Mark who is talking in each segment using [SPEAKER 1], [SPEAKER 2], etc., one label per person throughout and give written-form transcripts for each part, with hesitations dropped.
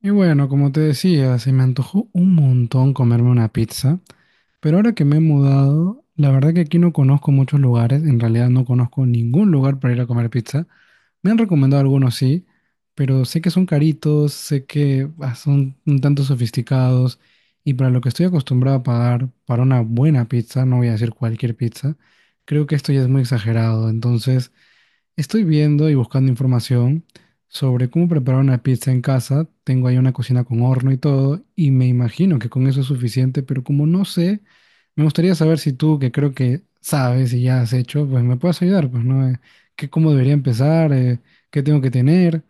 [SPEAKER 1] Y bueno, como te decía, se me antojó un montón comerme una pizza, pero ahora que me he mudado, la verdad que aquí no conozco muchos lugares, en realidad no conozco ningún lugar para ir a comer pizza. Me han recomendado algunos sí, pero sé que son caritos, sé que son un tanto sofisticados y para lo que estoy acostumbrado a pagar para una buena pizza, no voy a decir cualquier pizza, creo que esto ya es muy exagerado, entonces... Estoy viendo y buscando información sobre cómo preparar una pizza en casa. Tengo ahí una cocina con horno y todo, y me imagino que con eso es suficiente, pero como no sé, me gustaría saber si tú, que creo que sabes y ya has hecho, pues me puedes ayudar, pues, ¿no? ¿Qué, cómo debería empezar? ¿Qué tengo que tener?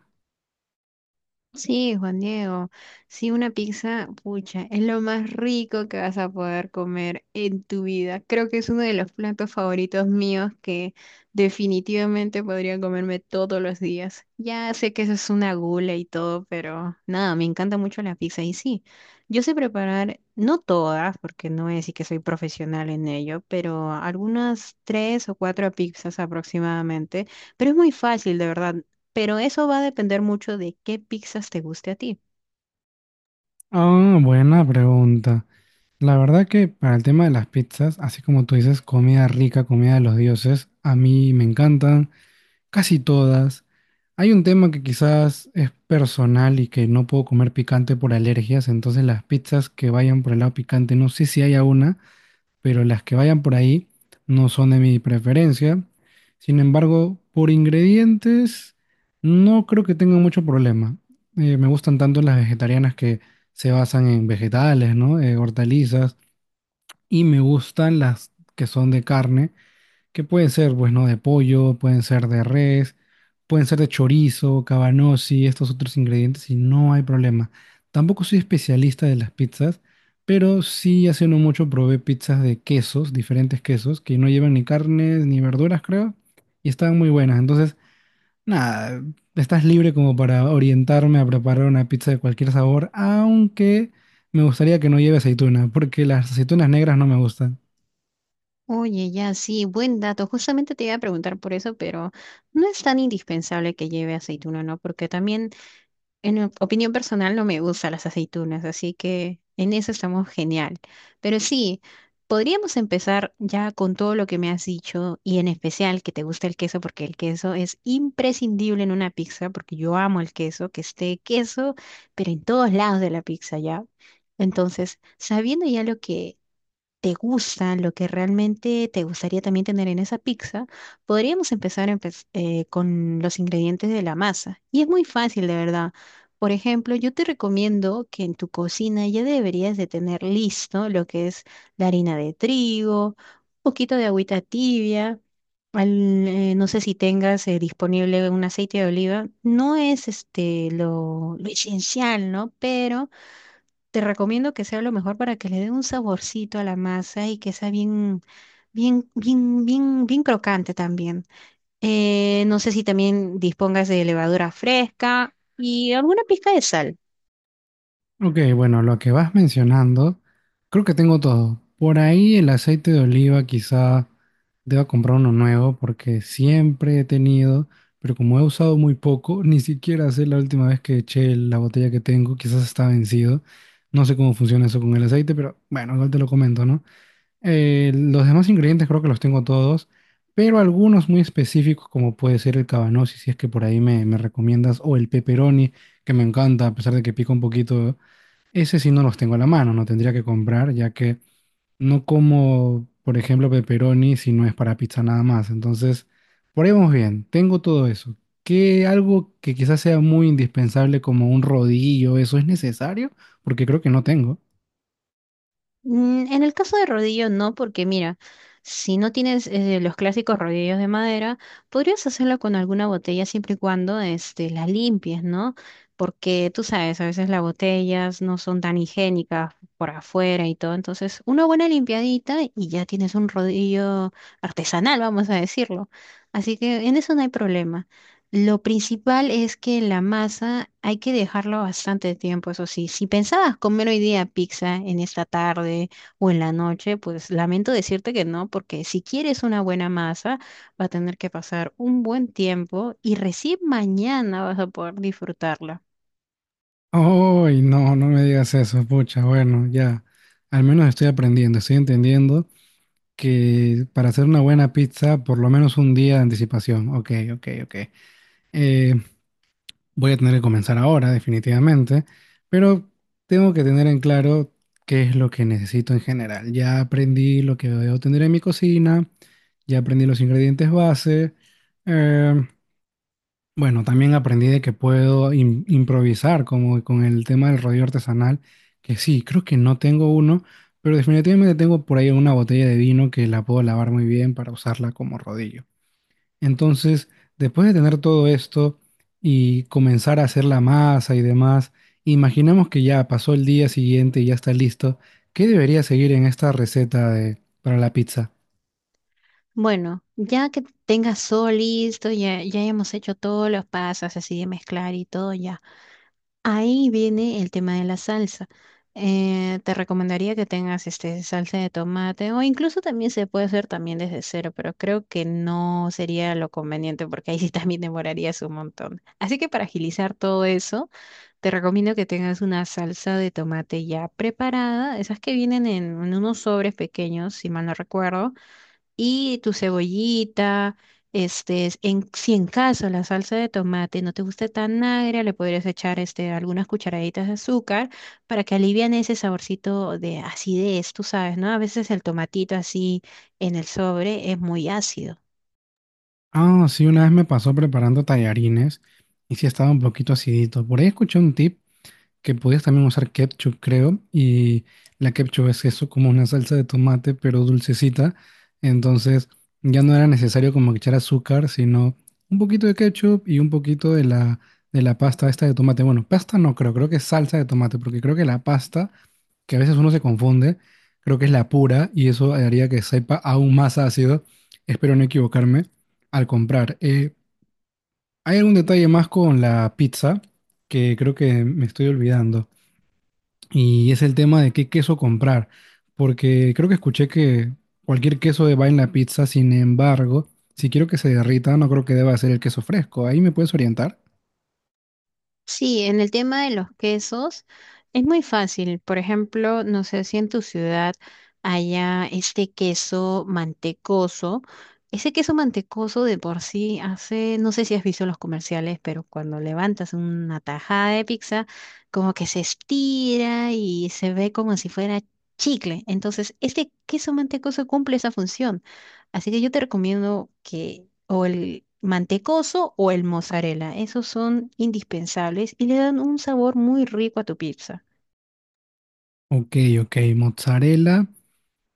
[SPEAKER 2] Sí, Juan Diego, sí, una pizza, pucha, es lo más rico que vas a poder comer en tu vida. Creo que es uno de los platos favoritos míos que definitivamente podría comerme todos los días. Ya sé que eso es una gula y todo, pero nada, me encanta mucho la pizza y sí, yo sé preparar, no todas, porque no es y que soy profesional en ello, pero algunas tres o cuatro pizzas aproximadamente. Pero es muy fácil, de verdad. Pero eso va a depender mucho de qué pizzas te guste a ti.
[SPEAKER 1] Ah, buena pregunta. La verdad que para el tema de las pizzas, así como tú dices, comida rica, comida de los dioses, a mí me encantan. Casi todas. Hay un tema que quizás es personal y que no puedo comer picante por alergias, entonces las pizzas que vayan por el lado picante, no sé si haya una, pero las que vayan por ahí no son de mi preferencia. Sin embargo, por ingredientes no creo que tenga mucho problema. Me gustan tanto las vegetarianas que se basan en vegetales, ¿no? Hortalizas, y me gustan las que son de carne que pueden ser, pues, ¿no? De pollo, pueden ser de res, pueden ser de chorizo, cabanossi, estos otros ingredientes y no hay problema. Tampoco soy especialista de las pizzas, pero sí hace no mucho probé pizzas de quesos, diferentes quesos, que no llevan ni carnes ni verduras, creo, y estaban muy buenas. Entonces, nada, estás libre como para orientarme a preparar una pizza de cualquier sabor, aunque me gustaría que no lleve aceituna, porque las aceitunas negras no me gustan.
[SPEAKER 2] Oye, ya sí, buen dato. Justamente te iba a preguntar por eso, pero no es tan indispensable que lleve aceituna, ¿no? Porque también opinión personal no me gustan las aceitunas, así que en eso estamos genial. Pero sí, podríamos empezar ya con todo lo que me has dicho y en especial que te gusta el queso porque el queso es imprescindible en una pizza porque yo amo el queso, que esté queso, pero en todos lados de la pizza ya. Entonces, sabiendo ya lo que te gusta, lo que realmente te gustaría también tener en esa pizza, podríamos empezar con los ingredientes de la masa. Y es muy fácil, de verdad. Por ejemplo, yo te recomiendo que en tu cocina ya deberías de tener listo lo que es la harina de trigo, un poquito de agüita tibia. No sé si tengas disponible un aceite de oliva. No es este lo esencial, ¿no? Pero te recomiendo que sea lo mejor para que le dé un saborcito a la masa y que sea bien, bien, bien, bien, bien crocante también. No sé si también dispongas de levadura fresca y alguna pizca de sal.
[SPEAKER 1] Ok, bueno, lo que vas mencionando, creo que tengo todo. Por ahí el aceite de oliva quizá deba comprar uno nuevo porque siempre he tenido, pero como he usado muy poco, ni siquiera sé la última vez que eché la botella que tengo, quizás está vencido. No sé cómo funciona eso con el aceite, pero bueno, igual te lo comento, ¿no? Los demás ingredientes creo que los tengo todos, pero algunos muy específicos como puede ser el cabanossi, si es que por ahí me recomiendas, o el pepperoni, que me encanta, a pesar de que pica un poquito. Ese sí no los tengo a la mano, no tendría que comprar, ya que no como, por ejemplo, pepperoni si no es para pizza nada más. Entonces, por ahí vamos bien, tengo todo eso. ¿Qué algo que quizás sea muy indispensable como un rodillo, eso es necesario? Porque creo que no tengo.
[SPEAKER 2] En el caso de rodillo, no, porque mira, si no tienes los clásicos rodillos de madera, podrías hacerlo con alguna botella siempre y cuando este, la limpies, ¿no? Porque tú sabes, a veces las botellas no son tan higiénicas por afuera y todo. Entonces, una buena limpiadita y ya tienes un rodillo artesanal, vamos a decirlo. Así que en eso no hay problema. Lo principal es que la masa hay que dejarla bastante tiempo, eso sí. Si pensabas comer hoy día pizza en esta tarde o en la noche, pues lamento decirte que no, porque si quieres una buena masa, va a tener que pasar un buen tiempo y recién mañana vas a poder disfrutarla.
[SPEAKER 1] Ay, no, no me digas eso, pucha, bueno, ya. Al menos estoy aprendiendo, estoy entendiendo que para hacer una buena pizza, por lo menos un día de anticipación. Ok, ok, ok. Eh, voy a tener que comenzar ahora, definitivamente, pero tengo que tener en claro qué es lo que necesito en general. Ya aprendí lo que debo tener en mi cocina, ya aprendí los ingredientes base. eh, bueno, también aprendí de que puedo improvisar, como con el tema del rodillo artesanal, que sí, creo que no tengo uno, pero definitivamente tengo por ahí una botella de vino que la puedo lavar muy bien para usarla como rodillo. Entonces, después de tener todo esto y comenzar a hacer la masa y demás, imaginemos que ya pasó el día siguiente y ya está listo. ¿Qué debería seguir en esta receta de, para la pizza?
[SPEAKER 2] Bueno, ya que tengas todo listo, ya, ya hemos hecho todos los pasos así de mezclar y todo, ya. Ahí viene el tema de la salsa. Te recomendaría que tengas este salsa de tomate o incluso también se puede hacer también desde cero, pero creo que no sería lo conveniente porque ahí sí también demorarías un montón. Así que para agilizar todo eso, te recomiendo que tengas una salsa de tomate ya preparada, esas que vienen en unos sobres pequeños, si mal no recuerdo, y tu cebollita, este, en, si en caso la salsa de tomate no te guste tan agria, le podrías echar este, algunas cucharaditas de azúcar para que alivian ese saborcito de acidez, tú sabes, ¿no? A veces el tomatito así en el sobre es muy ácido.
[SPEAKER 1] Ah, sí, una vez me pasó preparando tallarines y sí estaba un poquito acidito. Por ahí escuché un tip que podías también usar ketchup, creo, y la ketchup es eso, como una salsa de tomate, pero dulcecita, entonces ya no era necesario como echar azúcar, sino un poquito de ketchup y un poquito de la pasta esta de tomate. Bueno, pasta no creo, creo que es salsa de tomate, porque creo que la pasta, que a veces uno se confunde, creo que es la pura, y eso haría que sepa aún más ácido, espero no equivocarme, al comprar. Hay algún detalle más con la pizza que creo que me estoy olvidando. Y es el tema de qué queso comprar, porque creo que escuché que cualquier queso va en la pizza, sin embargo, si quiero que se derrita, no creo que deba ser el queso fresco. ¿Ahí me puedes orientar?
[SPEAKER 2] Sí, en el tema de los quesos es muy fácil. Por ejemplo, no sé si en tu ciudad haya este queso mantecoso. Ese queso mantecoso de por sí hace, no sé si has visto los comerciales, pero cuando levantas una tajada de pizza, como que se estira y se ve como si fuera chicle. Entonces, este queso mantecoso cumple esa función. Así que yo te recomiendo que o el mantecoso o el mozzarella, esos son indispensables y le dan un sabor muy rico a tu pizza.
[SPEAKER 1] Ok, ok, mozzarella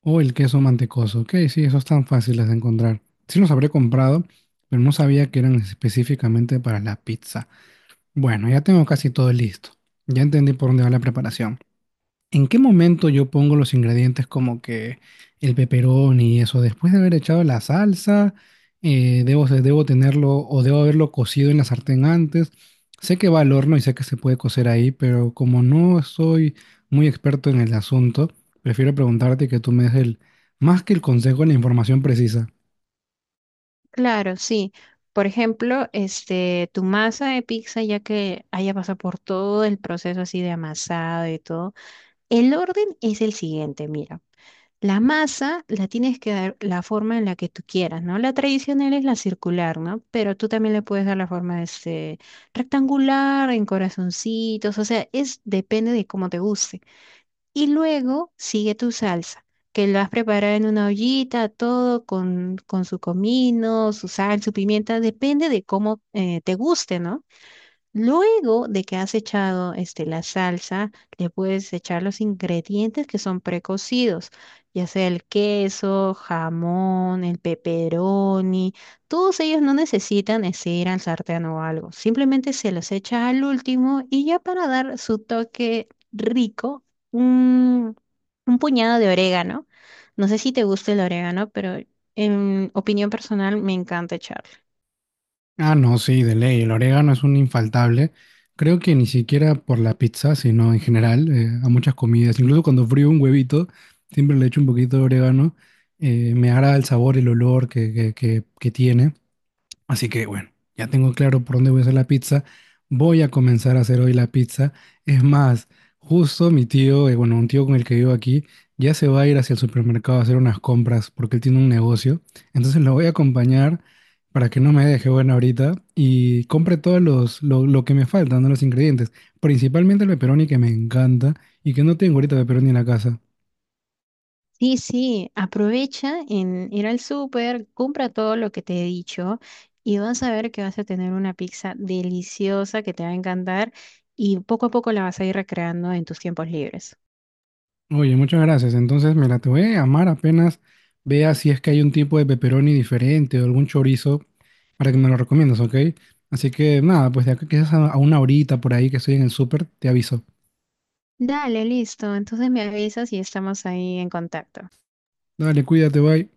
[SPEAKER 1] o el queso mantecoso. Ok, sí, esos tan fáciles de encontrar. Sí los habré comprado, pero no sabía que eran específicamente para la pizza. Bueno, ya tengo casi todo listo. Ya entendí por dónde va la preparación. ¿En qué momento yo pongo los ingredientes como que el peperón y eso? Después de haber echado la salsa, debo tenerlo o debo haberlo cocido en la sartén antes. Sé que va al horno y sé que se puede cocer ahí, pero como no soy muy experto en el asunto, prefiero preguntarte y que tú me des el, más que el consejo, la información precisa.
[SPEAKER 2] Claro, sí. Por ejemplo, este, tu masa de pizza, ya que haya pasado por todo el proceso así de amasado y todo, el orden es el siguiente, mira. La masa la tienes que dar la forma en la que tú quieras, ¿no? La tradicional es la circular, ¿no? Pero tú también le puedes dar la forma este, rectangular, en corazoncitos, o sea, es depende de cómo te guste. Y luego sigue tu salsa, que la vas a preparar en una ollita, todo con su comino, su sal, su pimienta, depende de cómo te guste, ¿no? Luego de que has echado este, la salsa, le puedes echar los ingredientes que son precocidos, ya sea el queso, jamón, el pepperoni. Todos ellos no necesitan este, ir al sartén o algo. Simplemente se los echa al último y ya para dar su toque rico, un, un puñado de orégano. No sé si te gusta el orégano, pero en opinión personal me encanta echarlo.
[SPEAKER 1] Ah, no, sí, de ley. El orégano es un infaltable. Creo que ni siquiera por la pizza, sino en general, a muchas comidas. Incluso cuando frío un huevito, siempre le echo un poquito de orégano. Me agrada el sabor, el olor que tiene. Así que bueno, ya tengo claro por dónde voy a hacer la pizza. Voy a comenzar a hacer hoy la pizza. Es más, justo mi tío, bueno, un tío con el que vivo aquí, ya se va a ir hacia el supermercado a hacer unas compras porque él tiene un negocio. Entonces lo voy a acompañar para que no me deje bueno ahorita y compre todos lo que me faltan, ¿no? Los ingredientes. Principalmente el pepperoni que me encanta y que no tengo ahorita pepperoni en la casa.
[SPEAKER 2] Sí, sí, aprovecha en ir al súper, compra todo lo que te he dicho y vas a ver que vas a tener una pizza deliciosa que te va a encantar y poco a poco la vas a ir recreando en tus tiempos libres.
[SPEAKER 1] Oye, muchas gracias. Entonces, mira, te voy a llamar apenas vea si es que hay un tipo de pepperoni diferente o algún chorizo para que me lo recomiendas, ¿ok? Así que nada, pues de acá quizás a una horita por ahí que estoy en el súper, te aviso.
[SPEAKER 2] Dale, listo. Entonces me avisas y estamos ahí en contacto.
[SPEAKER 1] Dale, cuídate, bye.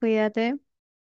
[SPEAKER 2] Cuídate.